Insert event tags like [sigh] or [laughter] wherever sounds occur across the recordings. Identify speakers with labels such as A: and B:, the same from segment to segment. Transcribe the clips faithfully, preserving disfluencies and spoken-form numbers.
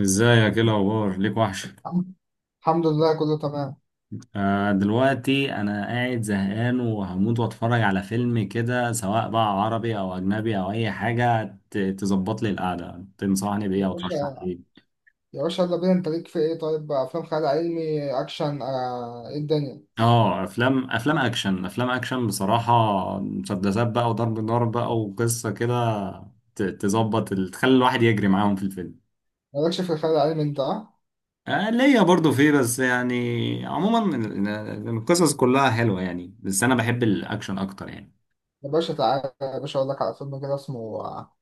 A: ازيك، ايه الاخبار؟ ليك وحشه.
B: الحمد الحمد لله كله تمام.
A: آه دلوقتي انا قاعد زهقان وهموت واتفرج على فيلم كده، سواء بقى عربي او اجنبي او اي حاجه ت- تظبط لي القعده. تنصحني بايه
B: يا
A: او ترشح لي
B: باشا
A: ايه؟
B: يا باشا يلا بينا، انت ليك في ايه؟ طيب بقى افلام خيال علمي اكشن آه ايه الدنيا؟
A: اه، افلام، افلام اكشن افلام اكشن بصراحه. مسدسات بقى وضرب نار بقى وقصه كده، ت- تظبط، ال- تخلي الواحد يجري معاهم في الفيلم.
B: مالكش في الخيال العلمي انت؟ اه
A: آه ليا برضو فيه، بس يعني عموما ال- ال- القصص كلها حلوه يعني، بس انا بحب الاكشن اكتر يعني.
B: يا باشا تعالى يا باشا اقول لك على فيلم كده اسمه آه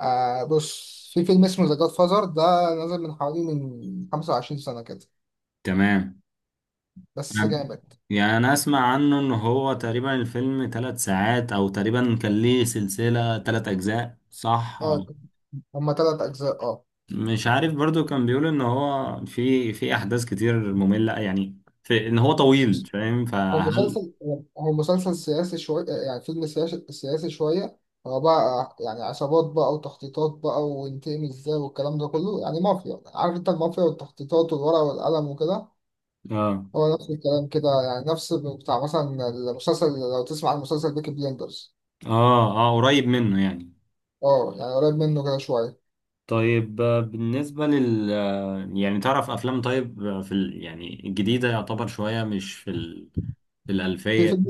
B: آه، بص، في فيلم اسمه ذا جاد فازر ده. نزل من حوالي من خمسة وعشرين سنة كده.
A: تمام.
B: بس جامد.
A: يعني انا اسمع عنه ان هو تقريبا الفيلم ثلاث ساعات، او تقريبا كان ليه سلسلة ثلاث اجزاء صح
B: اه
A: أو-
B: هما تلات اجزاء. اه
A: مش عارف، برضو كان بيقول ان هو في في احداث كتير مملة يعني، في ان هو طويل، فاهم؟
B: هو
A: فهل؟
B: مسلسل، هو مسلسل سياسي شوية، يعني فيلم سياسي سياسي شوية. هو بقى يعني عصابات بقى وتخطيطات بقى، وينتقم ازاي والكلام ده كله، يعني مافيا. عارف انت المافيا والتخطيطات والورق والقلم وكده.
A: اه،
B: هو نفس الكلام كده، يعني نفس بتاع مثلا المسلسل، لو تسمع عن مسلسل بيكي بليندرز.
A: اه، اه قريب منه يعني.
B: اه يعني قريب منه كده شوية.
A: طيب، آه، بالنسبة لل آه، يعني تعرف افلام، طيب، آه، في ال... يعني الجديدة يعتبر شوية مش في ال... في
B: في
A: الألفية.
B: فيلم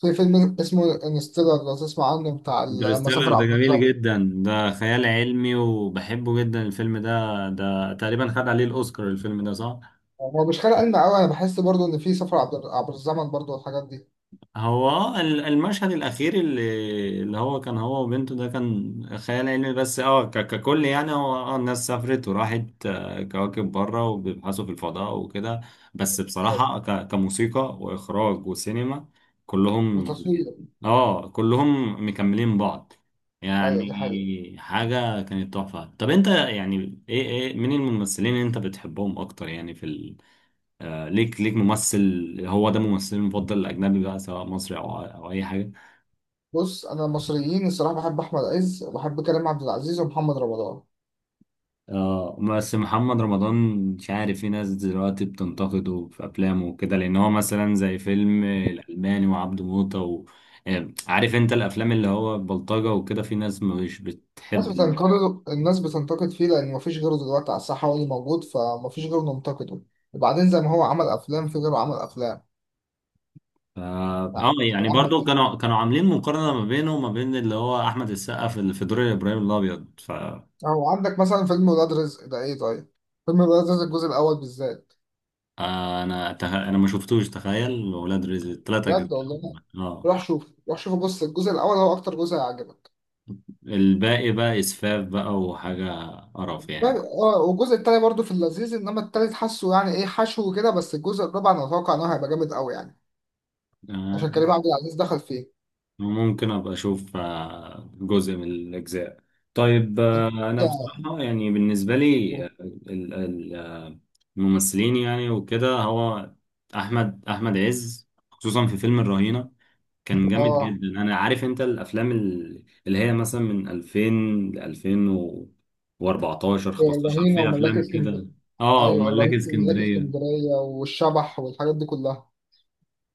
B: في فيلم اسمه انستيلر، لو تسمع عنه، بتاع ال- لما
A: انترستيلر
B: سافر
A: ده
B: عبر
A: جميل
B: الزمن.
A: جدا، ده خيال علمي وبحبه جدا الفيلم ده، ده تقريبا خد عليه الأوسكار الفيلم ده صح؟
B: هو مش خيال علمي قوي، انا بحس برضو ان في سفر عبر عبر الزمن برضو والحاجات دي.
A: هو اه ال- المشهد الأخير اللي اللي هو كان هو وبنته ده كان خيال علمي، بس اه ك- ككل يعني، هو اه الناس سافرت وراحت آه، كواكب بره وبيبحثوا في الفضاء وكده. بس
B: بالظبط.
A: بصراحة ك- كموسيقى وإخراج وسينما، كلهم.
B: وتصوير.
A: اه كلهم مكملين بعض يعني.
B: ايوه، دي حقيقة.
A: حاجة كانت تحفة. طب انت يعني ايه، ايه مين الممثلين اللي انت بتحبهم أكتر يعني؟ في آه، ليك ليك ممثل هو ده ممثلي المفضل الأجنبي بقى، سواء مصري أو أو أي حاجة؟
B: بص، انا المصريين الصراحة بحب احمد عز، وبحب كريم عبد العزيز ومحمد رمضان.
A: آه، بس محمد رمضان مش عارف، في ناس دلوقتي بتنتقده في أفلامه وكده، لأن هو مثلا زي فيلم الألماني وعبده موتة و... آه، عارف أنت الأفلام اللي هو بلطجة وكده في ناس مش
B: الناس
A: بتحب.
B: بتنتقد الناس بتنتقد فيه لان مفيش غيره دلوقتي على الساحة، هو اللي موجود فمفيش غيره ننتقده. وبعدين زي ما هو عمل افلام، في غيره عمل افلام.
A: ف- اه
B: يعني
A: يعني
B: هو احمد
A: برضو
B: عز،
A: كانوا كانوا عاملين مقارنة ما بينه وما بين اللي هو أحمد السقا في في دور إبراهيم الأبيض، ف.
B: او عندك مثلا فيلم ولاد رزق ده، ايه طيب؟ فيلم ولاد رزق الجزء الاول بالذات،
A: آه، انا تخ... انا ما شفتوش، تخيل ولاد رزق التلاتة اجزاء
B: بجد والله.
A: هم. اه.
B: روح شوف روح شوف بص الجزء الاول هو اكتر جزء هيعجبك.
A: الباقي بقى اسفاف بقى وحاجة قرف
B: يعني،
A: يعني.
B: اه، والجزء التاني برضه في اللذيذ، انما التالت حاسه يعني ايه حشو كده. بس الجزء الرابع انا اتوقع ان هو هيبقى جامد قوي يعني، عشان
A: آه،
B: كريم عبد العزيز دخل فيه.
A: ممكن ابقى اشوف آه، جزء من الاجزاء. طيب، آه، انا بصراحة يعني بالنسبة لي، آه، ال- ال- آه، الممثلين يعني وكده، هو احمد احمد عز خصوصا في فيلم الرهينة كان جامد
B: اه،
A: جدا. انا عارف انت الافلام ال- اللي هي مثلا من ألفين ل ألفين وأربعتاشر خمستاشر
B: الرهينة
A: فيها
B: وملاك
A: افلام كده.
B: اسكندرية.
A: اه،
B: ايوه،
A: وملاك
B: الرهينة وملاك
A: اسكندريه
B: اسكندرية والشبح والحاجات دي كلها.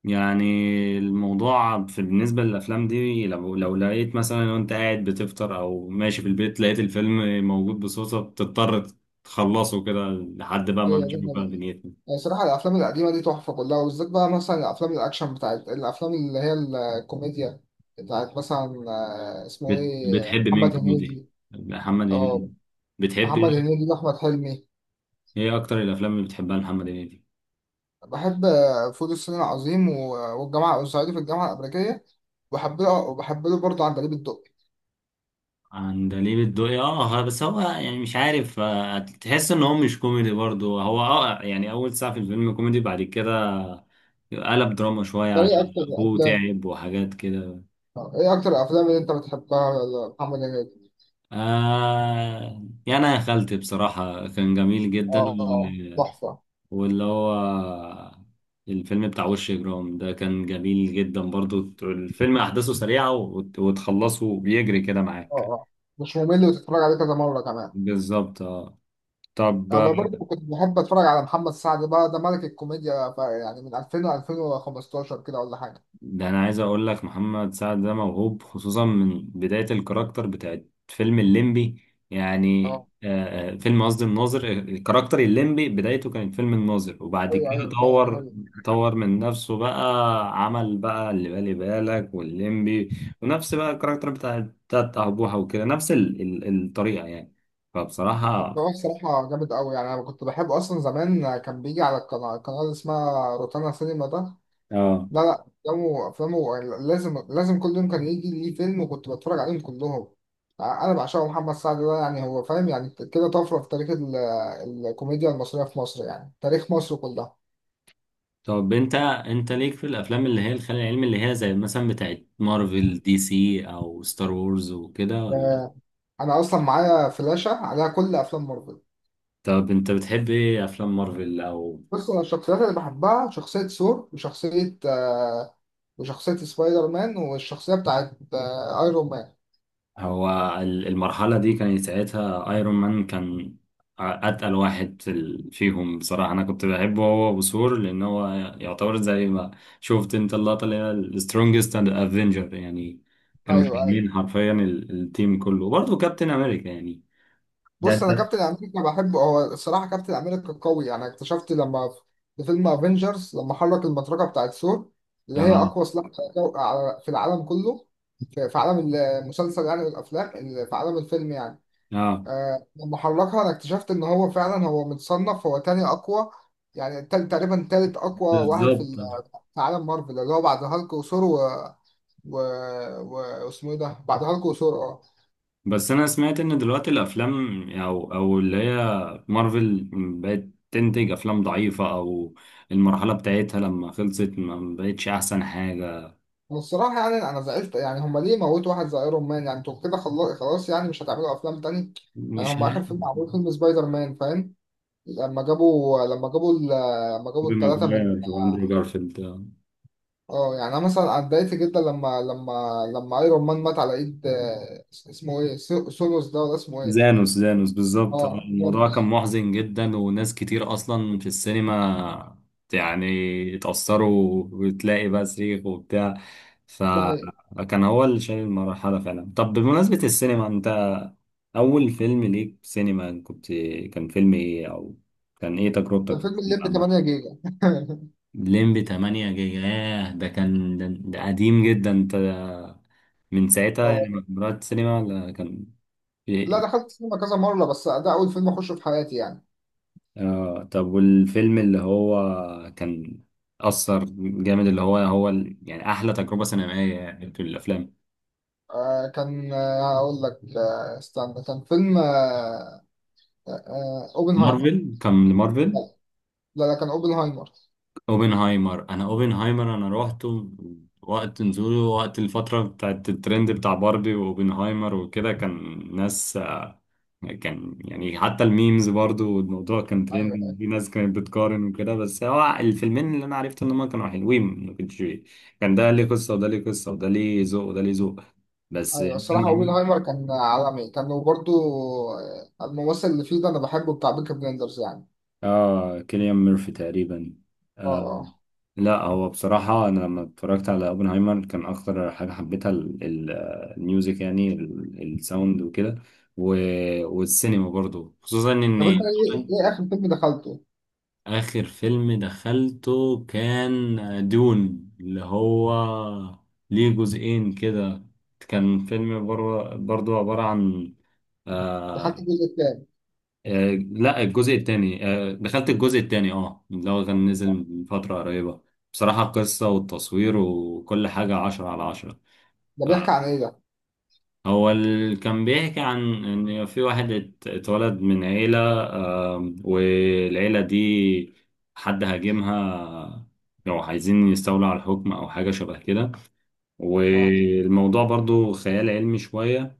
A: يعني. الموضوع في بالنسبه للافلام دي، لو لو لقيت مثلا وانت قاعد بتفطر او ماشي في البيت لقيت الفيلم موجود بصوصه، بتضطر تخلصه كده لحد بقى ما
B: ايوه
A: تشوف بقى
B: جدا.
A: دنيتنا.
B: يعني صراحة الافلام القديمة دي تحفة كلها، وبالذات بقى مثلا الافلام الاكشن، بتاعت الافلام اللي هي الكوميديا، بتاعت مثلا آه، اسمه
A: بت-
B: ايه،
A: بتحب مين
B: محمد
A: كوميدي؟
B: هنيدي.
A: محمد هنيدي؟
B: اه
A: بتحب
B: محمد
A: ايه؟
B: هنيدي واحمد حلمي.
A: إيه اكتر الافلام اللي بتحبها لمحمد هنيدي؟
B: بحب آه، فول الصين العظيم و- والجامعة والصعيدي في الجامعة الأمريكية. وبحب له وبحب له برضه عندليب الدقي.
A: عندليب الدقي؟ اه ها- بس هو يعني مش عارف، آه، تحس ان هو مش كوميدي برضو، هو اه يعني اول ساعة في الفيلم كوميدي بعد كده قلب دراما شوية
B: ده إيه
A: عشان
B: أكتر
A: ابوه
B: أفلام؟
A: تعب وحاجات كده.
B: آه، ايه اكتر الافلام اللي انت بتحبها لمحمد هنيدي؟
A: آه يعني انا يا خالتي بصراحة كان جميل جدا
B: اه آه،
A: وال-
B: تحفه، اه.
A: واللي هو الفيلم بتاع وش جرام ده كان جميل جدا برضو، الفيلم احداثه سريعة وت- وتخلصه بيجري كده معاك.
B: اه، مش ممل، وتتفرج عليه كذا مره كمان.
A: بالظبط اه. طب
B: انا برضه كنت بحب اتفرج على محمد سعد بقى، ده ملك الكوميديا بقى، يعني من ألفين ل ألفين وخمسة عشر كده ولا حاجه.
A: ده انا عايز اقول لك محمد سعد ده موهوب، خصوصا من بداية الكاركتر بتاعت فيلم الليمبي يعني.
B: اه
A: آه آه، فيلم، قصدي الناظر، آه، الكاركتر الليمبي بدايته كانت فيلم الناظر وبعد
B: ايوه
A: كده
B: ايوه، فعلا ده
A: طور،
B: حقيقي.
A: طور من نفسه بقى، عمل بقى اللي بالي بالك والليمبي، ونفس بقى الكاركتر بتاع بتاعت أبوها وكده نفس ال ال الطريقة يعني.
B: بس
A: فبصراحة
B: هو الصراحه جامد قوي يعني، انا كنت بحبه اصلا زمان. كان بيجي على القناه القناه اللي اسمها روتانا سينما ده.
A: اه.
B: لا لا، افلامه، افلامه لازم لازم كل يوم كان يجي ليه فيلم، وكنت بتفرج عليهم كلهم. ع- انا بعشقه محمد سعد ده يعني، هو فاهم يعني كده طفره في تاريخ ال- الكوميديا المصريه في مصر، يعني تاريخ مصر كلها.
A: طب انت، انت ليك في الافلام اللي هي الخيال العلمي اللي هي زي مثلا بتاعت مارفل دي سي او ستار وورز وكده، ولا؟
B: آه، انا اصلا معايا فلاشه عليها كل افلام مارفل.
A: طب انت بتحب ايه افلام مارفل او؟
B: بص، انا الشخصيات اللي بحبها شخصيه ثور، وشخصيه آه، وشخصيه سبايدر مان، والشخصيه بتاعت آه، ايرون مان.
A: هو ال- المرحلة دي كانت ساعتها ايرون مان كان اتقل واحد في ال- فيهم بصراحة. انا كنت بحبه هو وثور، لان هو يعتبر زي ما شفت انت اللقطة اللي هي السترونجست اند افنجر يعني، كانوا
B: ايوه أيوه.
A: شايلين حرفيا ال- التيم كله، وبرضه كابتن امريكا يعني. ده
B: بص،
A: انت
B: انا كابتن امريكا بحبه، هو الصراحه كابتن امريكا قوي يعني. اكتشفت لما في فيلم افنجرز، لما حرك المطرقه بتاعت ثور، اللي هي
A: اه.
B: اقوى سلاح على جو- على- في العالم كله، في في عالم المسلسل يعني والافلام ال- في عالم الفيلم يعني.
A: اه
B: آه، لما حركها انا اكتشفت ان هو فعلا، هو متصنف هو تاني اقوى يعني، تل- تقريبا تالت اقوى واحد في
A: بالظبط.
B: ال- في عالم مارفل، اللي هو بعد هالك وثور و... و... و... واسمه ايه ده، بعد هالك وثور. اه،
A: بس انا سمعت ان دلوقتي الافلام او او اللي هي مارفل بقت تنتج افلام ضعيفة او المرحلة بتاعتها لما خلصت ما بقتش احسن حاجة.
B: والصراحة يعني أنا زعلت. يعني هما ليه موتوا واحد زي أيرون مان؟ يعني أنتوا كده خلا- خلاص، يعني مش هتعملوا أفلام تاني؟ يعني
A: مش
B: هما
A: عارف.
B: آخر فيلم عملوه فيلم سبايدر مان، فاهم؟ لما جابوا لما جابوا ال- لما جابوا
A: توبي
B: التلاتة
A: ماجواير
B: من
A: واندرو
B: اه
A: جارفيلد.
B: آه، يعني أنا مثلا اتضايقت جدا لما لما لما أيرون مان مات على إيد آه، اسمه إيه، سو- سولوس ده ولا اسمه إيه؟
A: زانوس، زانوس بالظبط.
B: اه،
A: الموضوع كان
B: جانوس.
A: محزن جدا، وناس كتير اصلا في السينما يعني اتأثروا وتلاقي بقى صريخ وبتاع.
B: ده حقيقي.
A: فكان هو اللي شايل المرحلة فعلا. طب بمناسبة السينما، انت أول فيلم ليك في سينما كنت، كان فيلم إيه؟ أو كان إيه تجربتك
B: ده
A: في
B: فيلم
A: السينما
B: الليمبي تمنية
A: عامة؟
B: جيجا [laughs]
A: ليمبي تمانية جيجا؟ ياه، ده كان ده، ده قديم جدا أنت. من ساعتها يعني
B: اه،
A: ما رحت السينما، ولا كان في
B: لا،
A: إيه؟
B: دخلت السينما كذا مرة، بس ده أول فيلم أخشه في حياتي يعني.
A: آه، طب والفيلم اللي هو كان أثر جامد، اللي هو هو ال- يعني أحلى تجربة سينمائية يعني في الأفلام
B: آه كان آه، هقول لك آه استنى، كان فيلم آه آه اوبنهايمر.
A: مارفل، كان لمارفل؟
B: لا لا لا، كان اوبنهايمر.
A: اوبنهايمر، انا اوبنهايمر انا روحته وقت نزوله، وقت الفترة بتاعت الترند بتاع باربي واوبنهايمر وكده. كان ناس آه، كان يعني حتى الميمز برضو، والموضوع كان ترند، في
B: ايوه
A: ناس كانت بتقارن وكده، بس هو الفيلمين اللي انا عرفت ان هما كانوا حلوين ما كنتش. كان ده ليه قصة وده ليه قصة، وده ليه ذوق وده ليه ذوق بس.
B: ايوه، الصراحه اوبنهايمر كان عالمي كان، وبرده الممثل اللي فيه ده انا بحبه، بتاع بيكي بلندرز يعني.
A: اه كيليان ميرفي تقريبا.
B: اه.
A: آه
B: اه.
A: لا، هو بصراحة أنا لما اتفرجت على أوبنهايمر كان أكتر حاجة حبيتها ال- ال- الميوزك يعني، ال- الساوند وكده، و- والسينما برضو، خصوصا إن.
B: طب انت ايه، ايه اخر فيلم دخلته؟
A: آخر فيلم دخلته كان دون، اللي هو ليه جزئين كده. كان فيلم بر- برضو عبارة عن
B: دخلت
A: آه،
B: الجزء التاني.
A: آه لا، الجزء التاني، آه دخلت الجزء التاني اه، اللي هو كان نزل من فترة قريبة. بصراحة القصة والتصوير وكل حاجة عشرة على عشرة.
B: ده
A: آه،
B: بيحكي عن ايه ده؟
A: هو اللي كان بيحكي عن إن في واحد ات- اتولد من عيلة، آه والعيلة دي حد هاجمها، آه، لو عايزين يستولوا على الحكم أو حاجة شبه كده.
B: اه.
A: والموضوع برضو خيال علمي شوية.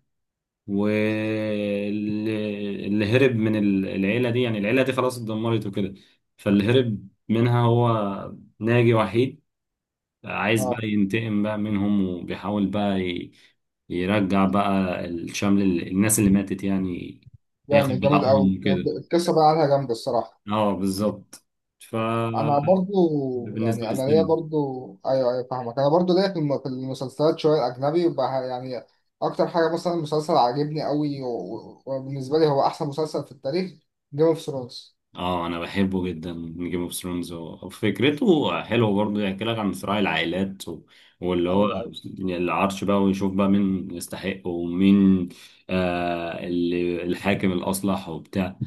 A: واللي هرب من ال- العيلة دي، يعني العيلة دي خلاص اتدمرت وكده، فاللي هرب منها هو ناجي وحيد، عايز
B: اه،
A: بقى ينتقم بقى منهم، وبيحاول بقى ي- يرجع بقى الشمل ال- الناس اللي ماتت يعني، ياخد
B: جامد جامد قوي.
A: بحقهم وكده.
B: القصه بقى عليها جامده الصراحه.
A: اه بالظبط. ف،
B: انا برضو
A: بالنسبة
B: يعني، انا ليا
A: للسينما.
B: برضو، ايوه ايوه فاهمك، انا برضو ليا في الم- في المسلسلات شويه اجنبي بقى يعني. اكتر حاجه مثلا مسلسل عاجبني قوي، و- و- وبالنسبه لي هو احسن مسلسل في التاريخ، جيم اوف ثرونز.
A: اه انا بحبه جدا. جيم اوف ثرونز وفكرته حلوه برضه، يحكي لك عن صراع العائلات و... واللي هو
B: ايوه ايوه،
A: العرش بقى، ويشوف بقى مين يستحق ومين، آه اللي الحاكم الاصلح وبتاع.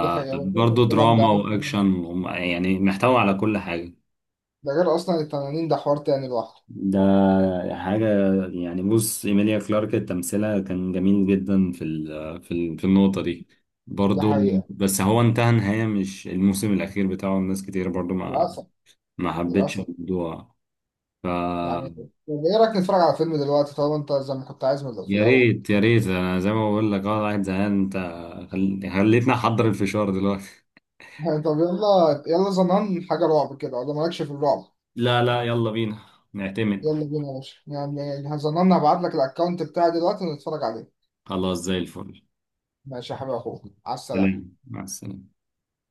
B: دي حقيقه، هو ده الكلام
A: دراما
B: ده.
A: واكشن وم- يعني محتوى على كل حاجه.
B: ده غير اصلا التنانين، ده حوار تاني لوحده.
A: ده حاجة يعني. بص إيميليا كلارك تمثيلها كان جميل جدا في ال في ال في النقطة دي
B: دي
A: برضو.
B: حقيقه.
A: بس هو انتهى نهاية مش الموسم الأخير بتاعه، الناس كتير برضو ما
B: للاسف.
A: ما حبتش
B: للاسف.
A: الموضوع. ف،
B: يعني طب ايه رايك نتفرج على فيلم دلوقتي، طالما انت زي ما كنت عايز من- في
A: يا
B: الاول؟
A: ريت يا ريت، أنا زي ما بقول لك أه قاعد زهقان أنت. خل... خليتني أحضر الفشار دلوقتي.
B: [laughs] يعني طب يلا، يلا زمان حاجه رعب كده، ولا مالكش في الرعب؟
A: لا لا يلا بينا، نعتمد.
B: يلا بينا يا باشا، يعني هظن انا هبعت لك الاكونت بتاعي دلوقتي ونتفرج عليه.
A: خلاص زي الفل.
B: ماشي يا حبيبي، اخوك على
A: سلام،
B: السلامة.
A: مع السلامة.